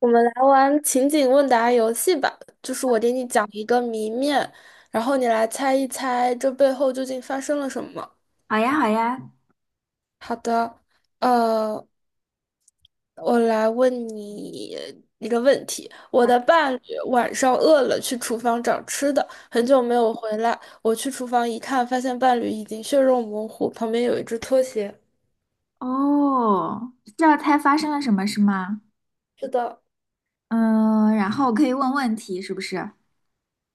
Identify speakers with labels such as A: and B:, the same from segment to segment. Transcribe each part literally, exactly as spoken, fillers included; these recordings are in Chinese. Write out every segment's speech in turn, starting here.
A: 我们来玩情景问答游戏吧，就是我给你讲一个谜面，然后你来猜一猜这背后究竟发生了什么。
B: 好呀，好呀。
A: 好的，呃，我来问你一个问题：我的伴侣晚上饿了，去厨房找吃的，很久没有回来。我去厨房一看，发现伴侣已经血肉模糊，旁边有一只拖鞋。
B: 哦，知道猜发生了什么是吗？
A: 是的。
B: 嗯，然后我可以问问题，是不是？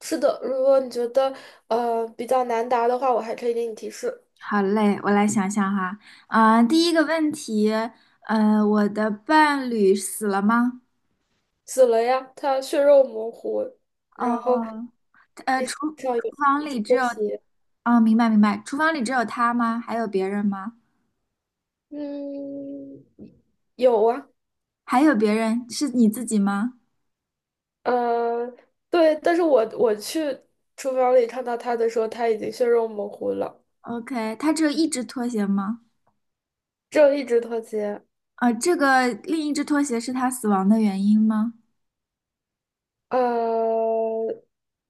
A: 是的，如果你觉得呃比较难答的话，我还可以给你提示。
B: 好嘞，我来想想哈。啊、第一个问题，呃，我的伴侣死了吗？
A: 死了呀，他血肉模糊，然后
B: 哦，呃，
A: 地
B: 厨
A: 上
B: 厨
A: 有
B: 房
A: 一只
B: 里只
A: 拖
B: 有。
A: 鞋。
B: 哦，明白明白，厨房里只有他吗？还有别人吗？
A: 嗯，有啊。
B: 还有别人，是你自己吗
A: 呃，对，但是我我去厨房里看到他的时候，他已经血肉模糊了，
B: ？OK，他只有一只拖鞋吗？
A: 只有一只拖鞋。
B: 啊、这个另一只拖鞋是他死亡的原因吗？
A: 呃，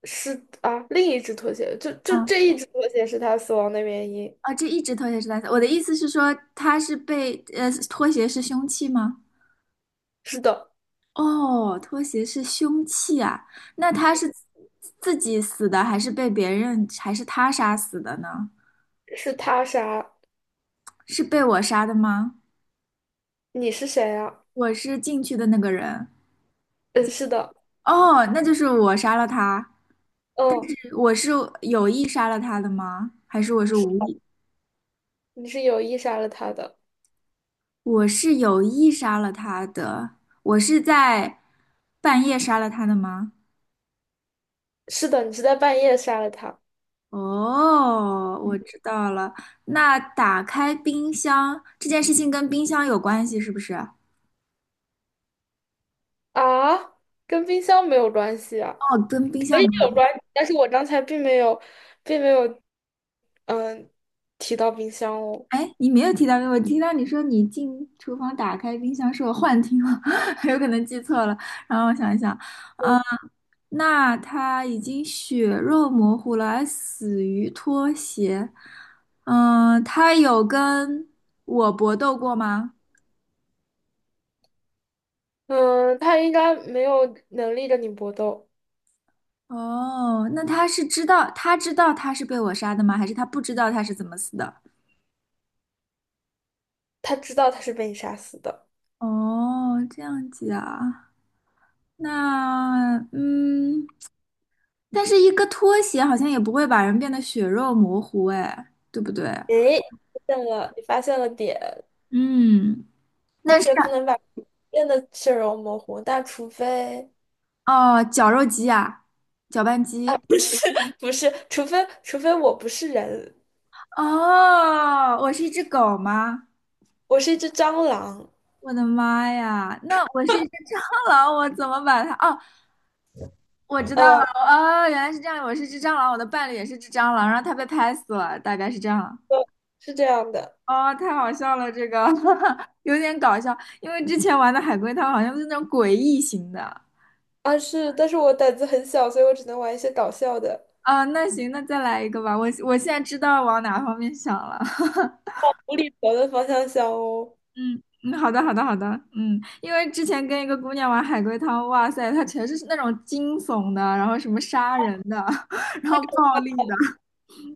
A: 是啊，另一只拖鞋，就就
B: 嗯
A: 这一只拖鞋是他死亡的原因。
B: 啊，这一只拖鞋是蓝色。我的意思是说，他是被呃，拖鞋是凶器吗？
A: 是的，
B: 哦，拖鞋是凶器啊。那他是自己死的，还是被别人，还是他杀死的呢？
A: 是他杀。
B: 是被我杀的吗？
A: 你是谁呀？
B: 我是进去的那个人。
A: 嗯，是的。
B: 哦，那就是我杀了他。
A: 嗯，
B: 我是有意杀了他的吗？还是我是无
A: 是
B: 意？
A: 你是有意杀了他的。
B: 我是有意杀了他的。我是在半夜杀了他的吗？
A: 是的，你是在半夜杀了他。
B: 哦，我知道了。那打开冰箱这件事情跟冰箱有关系是不是？哦，
A: 啊，跟冰箱没有关系啊，
B: 跟冰箱没
A: 有
B: 有。
A: 关，但是我刚才并没有，并没有，嗯，提到冰箱哦。
B: 哎，你没有提到，我听到你说你进厨房打开冰箱，是我幻听了，有可能记错了。然后我想一想，嗯、那他已经血肉模糊了，还死于拖鞋。嗯、他有跟我搏斗过吗？
A: 嗯，他应该没有能力跟你搏斗，
B: 哦，那他是知道，他知道他是被我杀的吗？还是他不知道他是怎么死的？
A: 他知道他是被你杀死的。
B: 哦，这样子啊，那嗯，但是一个拖鞋好像也不会把人变得血肉模糊，哎，对不对？
A: 诶，发现了，你发现了点，
B: 嗯，
A: 拖
B: 那是
A: 鞋不能把人的血肉模糊，但除非
B: 哦，绞肉机啊，搅拌机。
A: 不是，除非除非我不是人，
B: 哦，我是一只狗吗？
A: 我是一只蟑螂。
B: 我的妈呀，那我是一只蟑螂，我怎么把它？哦，我知道了，
A: 嗯
B: 哦，原来是这样，我是只蟑螂，我的伴侣也是只蟑螂，然后他被拍死了，大概是这样。
A: 呃，是这样的。
B: 哦，太好笑了，这个 有点搞笑，因为之前玩的海龟汤好像是那种诡异型的
A: 啊是，但是我胆子很小，所以我只能玩一些搞笑的。
B: 啊。那行，那再来一个吧，我我现在知道往哪方面想了。
A: 无厘头的方向想哦。
B: 嗯嗯，好的好的好的，嗯，因为之前跟一个姑娘玩海龟汤，哇塞，她全是那种惊悚的，然后什么杀人的，然后暴力的，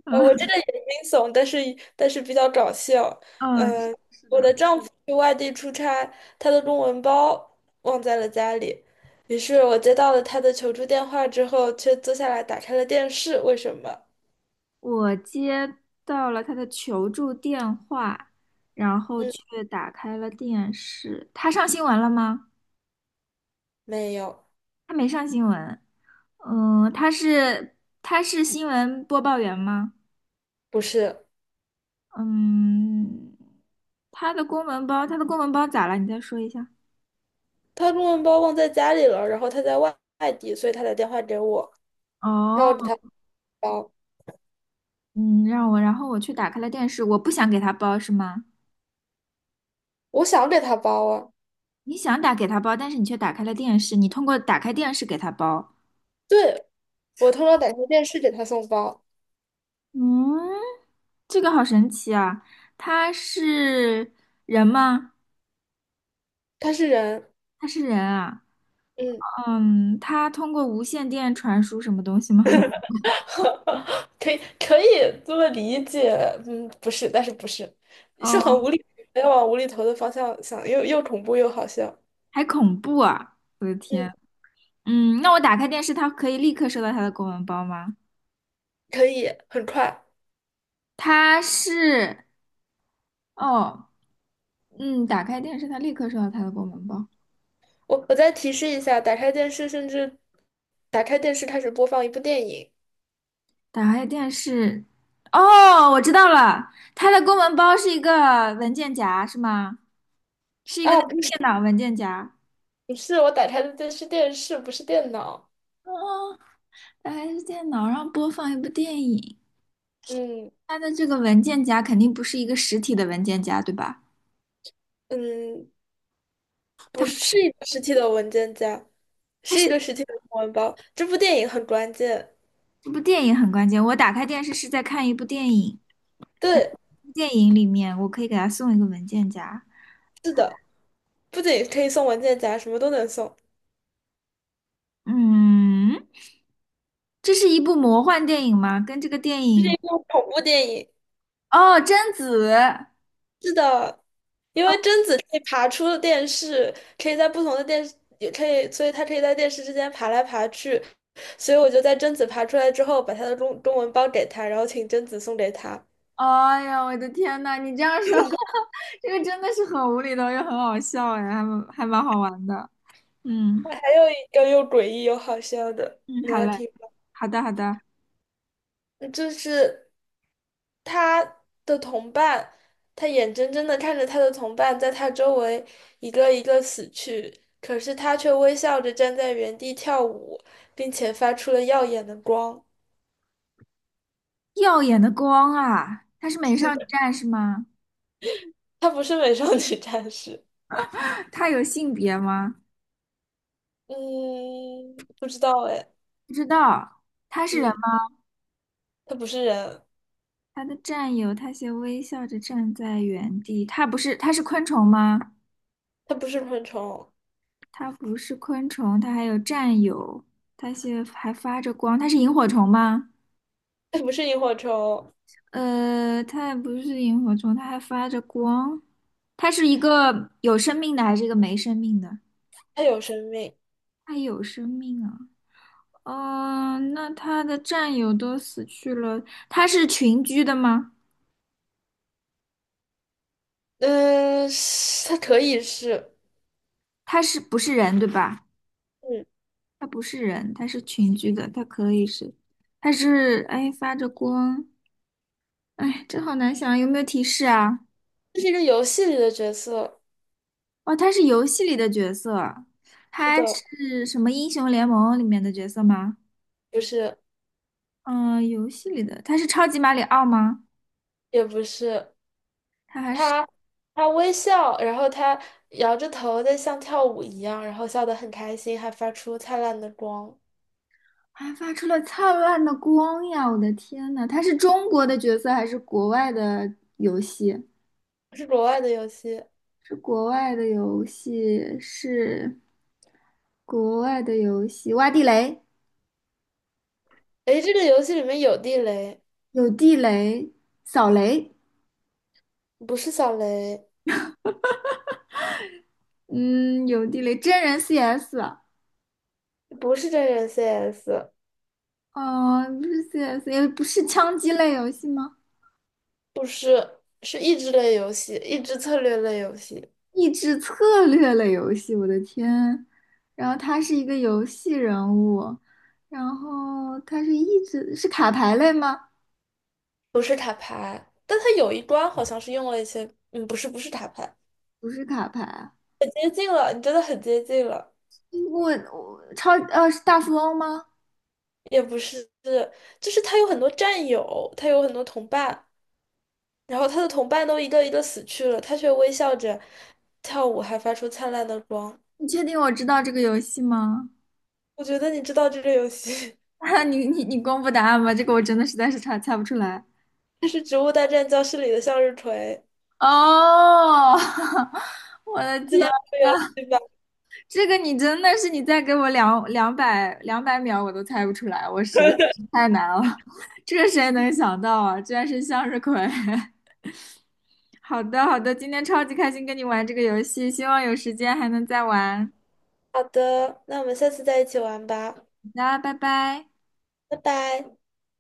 A: 我我这个也惊悚，但是但是比较搞笑。
B: 嗯，是
A: 嗯、
B: 是
A: 我
B: 的。
A: 的丈夫去外地出差，他的公文包忘在了家里，于是我接到了他的求助电话之后，却坐下来打开了电视。为什么？
B: 我接到了他的求助电话，然后
A: 嗯，
B: 却打开了电视。他上新闻了吗？
A: 没有。
B: 他没上新闻。嗯，他是他是新闻播报员吗？
A: 不是，
B: 嗯，他的公文包，他的公文包咋了？你再说一下。
A: 他公文包忘在家里了，然后他在外外地，所以他打电话给我，让我给
B: 哦，
A: 他包。
B: 嗯，让我，然后我去打开了电视，我不想给他包是吗？
A: 我想给他包啊。
B: 你想打给他包，但是你却打开了电视，你通过打开电视给他包。
A: 对，我偷偷打开电视给他送包。
B: 嗯，这个好神奇啊！他是人吗？
A: 他是人。
B: 他是人啊。
A: 嗯。
B: 嗯，他通过无线电传输什么东西吗？
A: 可以可以这么理解。嗯，不是，但是不是，是很
B: 哦，
A: 无厘，要往无厘头的方向想，又又恐怖又好笑。
B: 还恐怖啊！我的
A: 嗯，
B: 天。嗯，那我打开电视，它可以立刻收到它的公文包吗？
A: 可以很快。
B: 它是，哦，嗯，打开电视，它立刻收到它的公文包。
A: 我我再提示一下，打开电视，甚至打开电视开始播放一部电影。
B: 打开电视，哦，我知道了，它的公文包是一个文件夹，是吗？是一个
A: 啊，
B: 那个
A: 不是
B: 电脑文件夹。
A: 不是，我打开的电视电视不是电脑。
B: 哦，它还是电脑上播放一部电影，
A: 嗯
B: 它的这个文件夹肯定不是一个实体的文件夹，对吧？
A: 嗯，不是是一个实体的文件夹，
B: 它
A: 是一
B: 是
A: 个实体的公文包。这部电影很关键，
B: 这部电影很关键。我打开电视是在看一部电影，
A: 对，
B: 电影里面我可以给它送一个文件夹。
A: 是的，不仅可以送文件夹，什么都能送。
B: 嗯，这是一部魔幻电影吗？跟这个电
A: 是
B: 影
A: 一部恐怖电影。
B: 哦，贞子。
A: 是的，因为贞子可以爬出电视，可以在不同的电视，也可以，所以她可以在电视之间爬来爬去。所以我就在贞子爬出来之后，把她的中中文包给她，然后请贞子送给她。
B: 哎呀，我的天呐，你这样说，这个真的是很无厘头又很好笑哎，还蛮还蛮好玩的。嗯
A: 还有一个又诡异又好笑的，
B: 嗯，
A: 你
B: 好
A: 要
B: 嘞，
A: 听吗？
B: 好的好的。
A: 就是。他的同伴，他眼睁睁的看着他的同伴在他周围一个一个死去，可是他却微笑着站在原地跳舞，并且发出了耀眼的光。
B: 耀眼的光啊，她是美少女战士吗？
A: 他不是美少女战士。
B: 她有性别吗？
A: 嗯，不知道哎。
B: 不知道，她是人
A: 嗯，
B: 吗？
A: 他不是人，
B: 她的战友，她先微笑着站在原地。她不是，她是昆虫吗？
A: 他不是昆虫，
B: 她不是昆虫，她还有战友，她先还发着光。她是萤火虫吗？
A: 他不是萤火虫，
B: 呃，她也不是萤火虫，她还发着光。它是一个有生命的还是一个没生命的？
A: 他有生命。
B: 它有生命啊。嗯，那他的战友都死去了，他是群居的吗？
A: 嗯，是他可以是。
B: 他是不是人，对吧？
A: 嗯，
B: 他不是人，他是群居的，他可以是，他是，哎，发着光，哎，这好难想啊，有没有提示啊？
A: 这是一个游戏里的角色，
B: 哦，他是游戏里的角色，
A: 是
B: 他
A: 的，
B: 是什么英雄联盟里面的角色吗？
A: 不是，
B: 嗯、游戏里的，他是超级马里奥吗？
A: 也不是。
B: 他还是
A: 他他微笑，然后他摇着头在像跳舞一样，然后笑得很开心，还发出灿烂的光。
B: 还发出了灿烂的光呀！我的天呐，他是中国的角色还是国外的游戏？
A: 是国外的游戏。
B: 是国外的游戏，是国外的游戏，挖地雷，
A: 诶，这个游戏里面有地雷，
B: 有地雷，扫雷，
A: 不是小雷，
B: 嗯，有地雷，真人 C S,
A: 不是真人 C S,
B: 哦，不是 C S,也不是枪击类游戏吗？
A: 不是，是益智类游戏，益智策略类游戏，
B: 益智策略类游戏，我的天！然后他是一个游戏人物，然后他是益智，是卡牌类吗？
A: 不是塔牌。但它有一关好像是用了一些，嗯，不是，不是塔牌，
B: 不是卡牌啊，
A: 很接近了，你真的很接近了，
B: 我我超呃是大富翁吗？
A: 也不是，就是他有很多战友，他有很多同伴。然后他的同伴都一个一个死去了，他却微笑着跳舞，还发出灿烂的光。
B: 你确定我知道这个游戏吗？
A: 我觉得你知道这个游戏，
B: 哈，你你你公布答案吧，这个我真的实在是猜猜不出来。
A: 它是《植物大战僵尸》里的向日葵，
B: 哦，我的
A: 你知
B: 天
A: 道这个游
B: 呐，
A: 戏吧？
B: 这个你真的是你再给我两两百两百秒我都猜不出来，我实在是太难了，这谁能想到啊？居然是向日葵。好的好的，今天超级开心跟你玩这个游戏，希望有时间还能再玩。
A: 好的，那我们下次再一起玩吧。
B: 那拜拜。
A: 拜拜。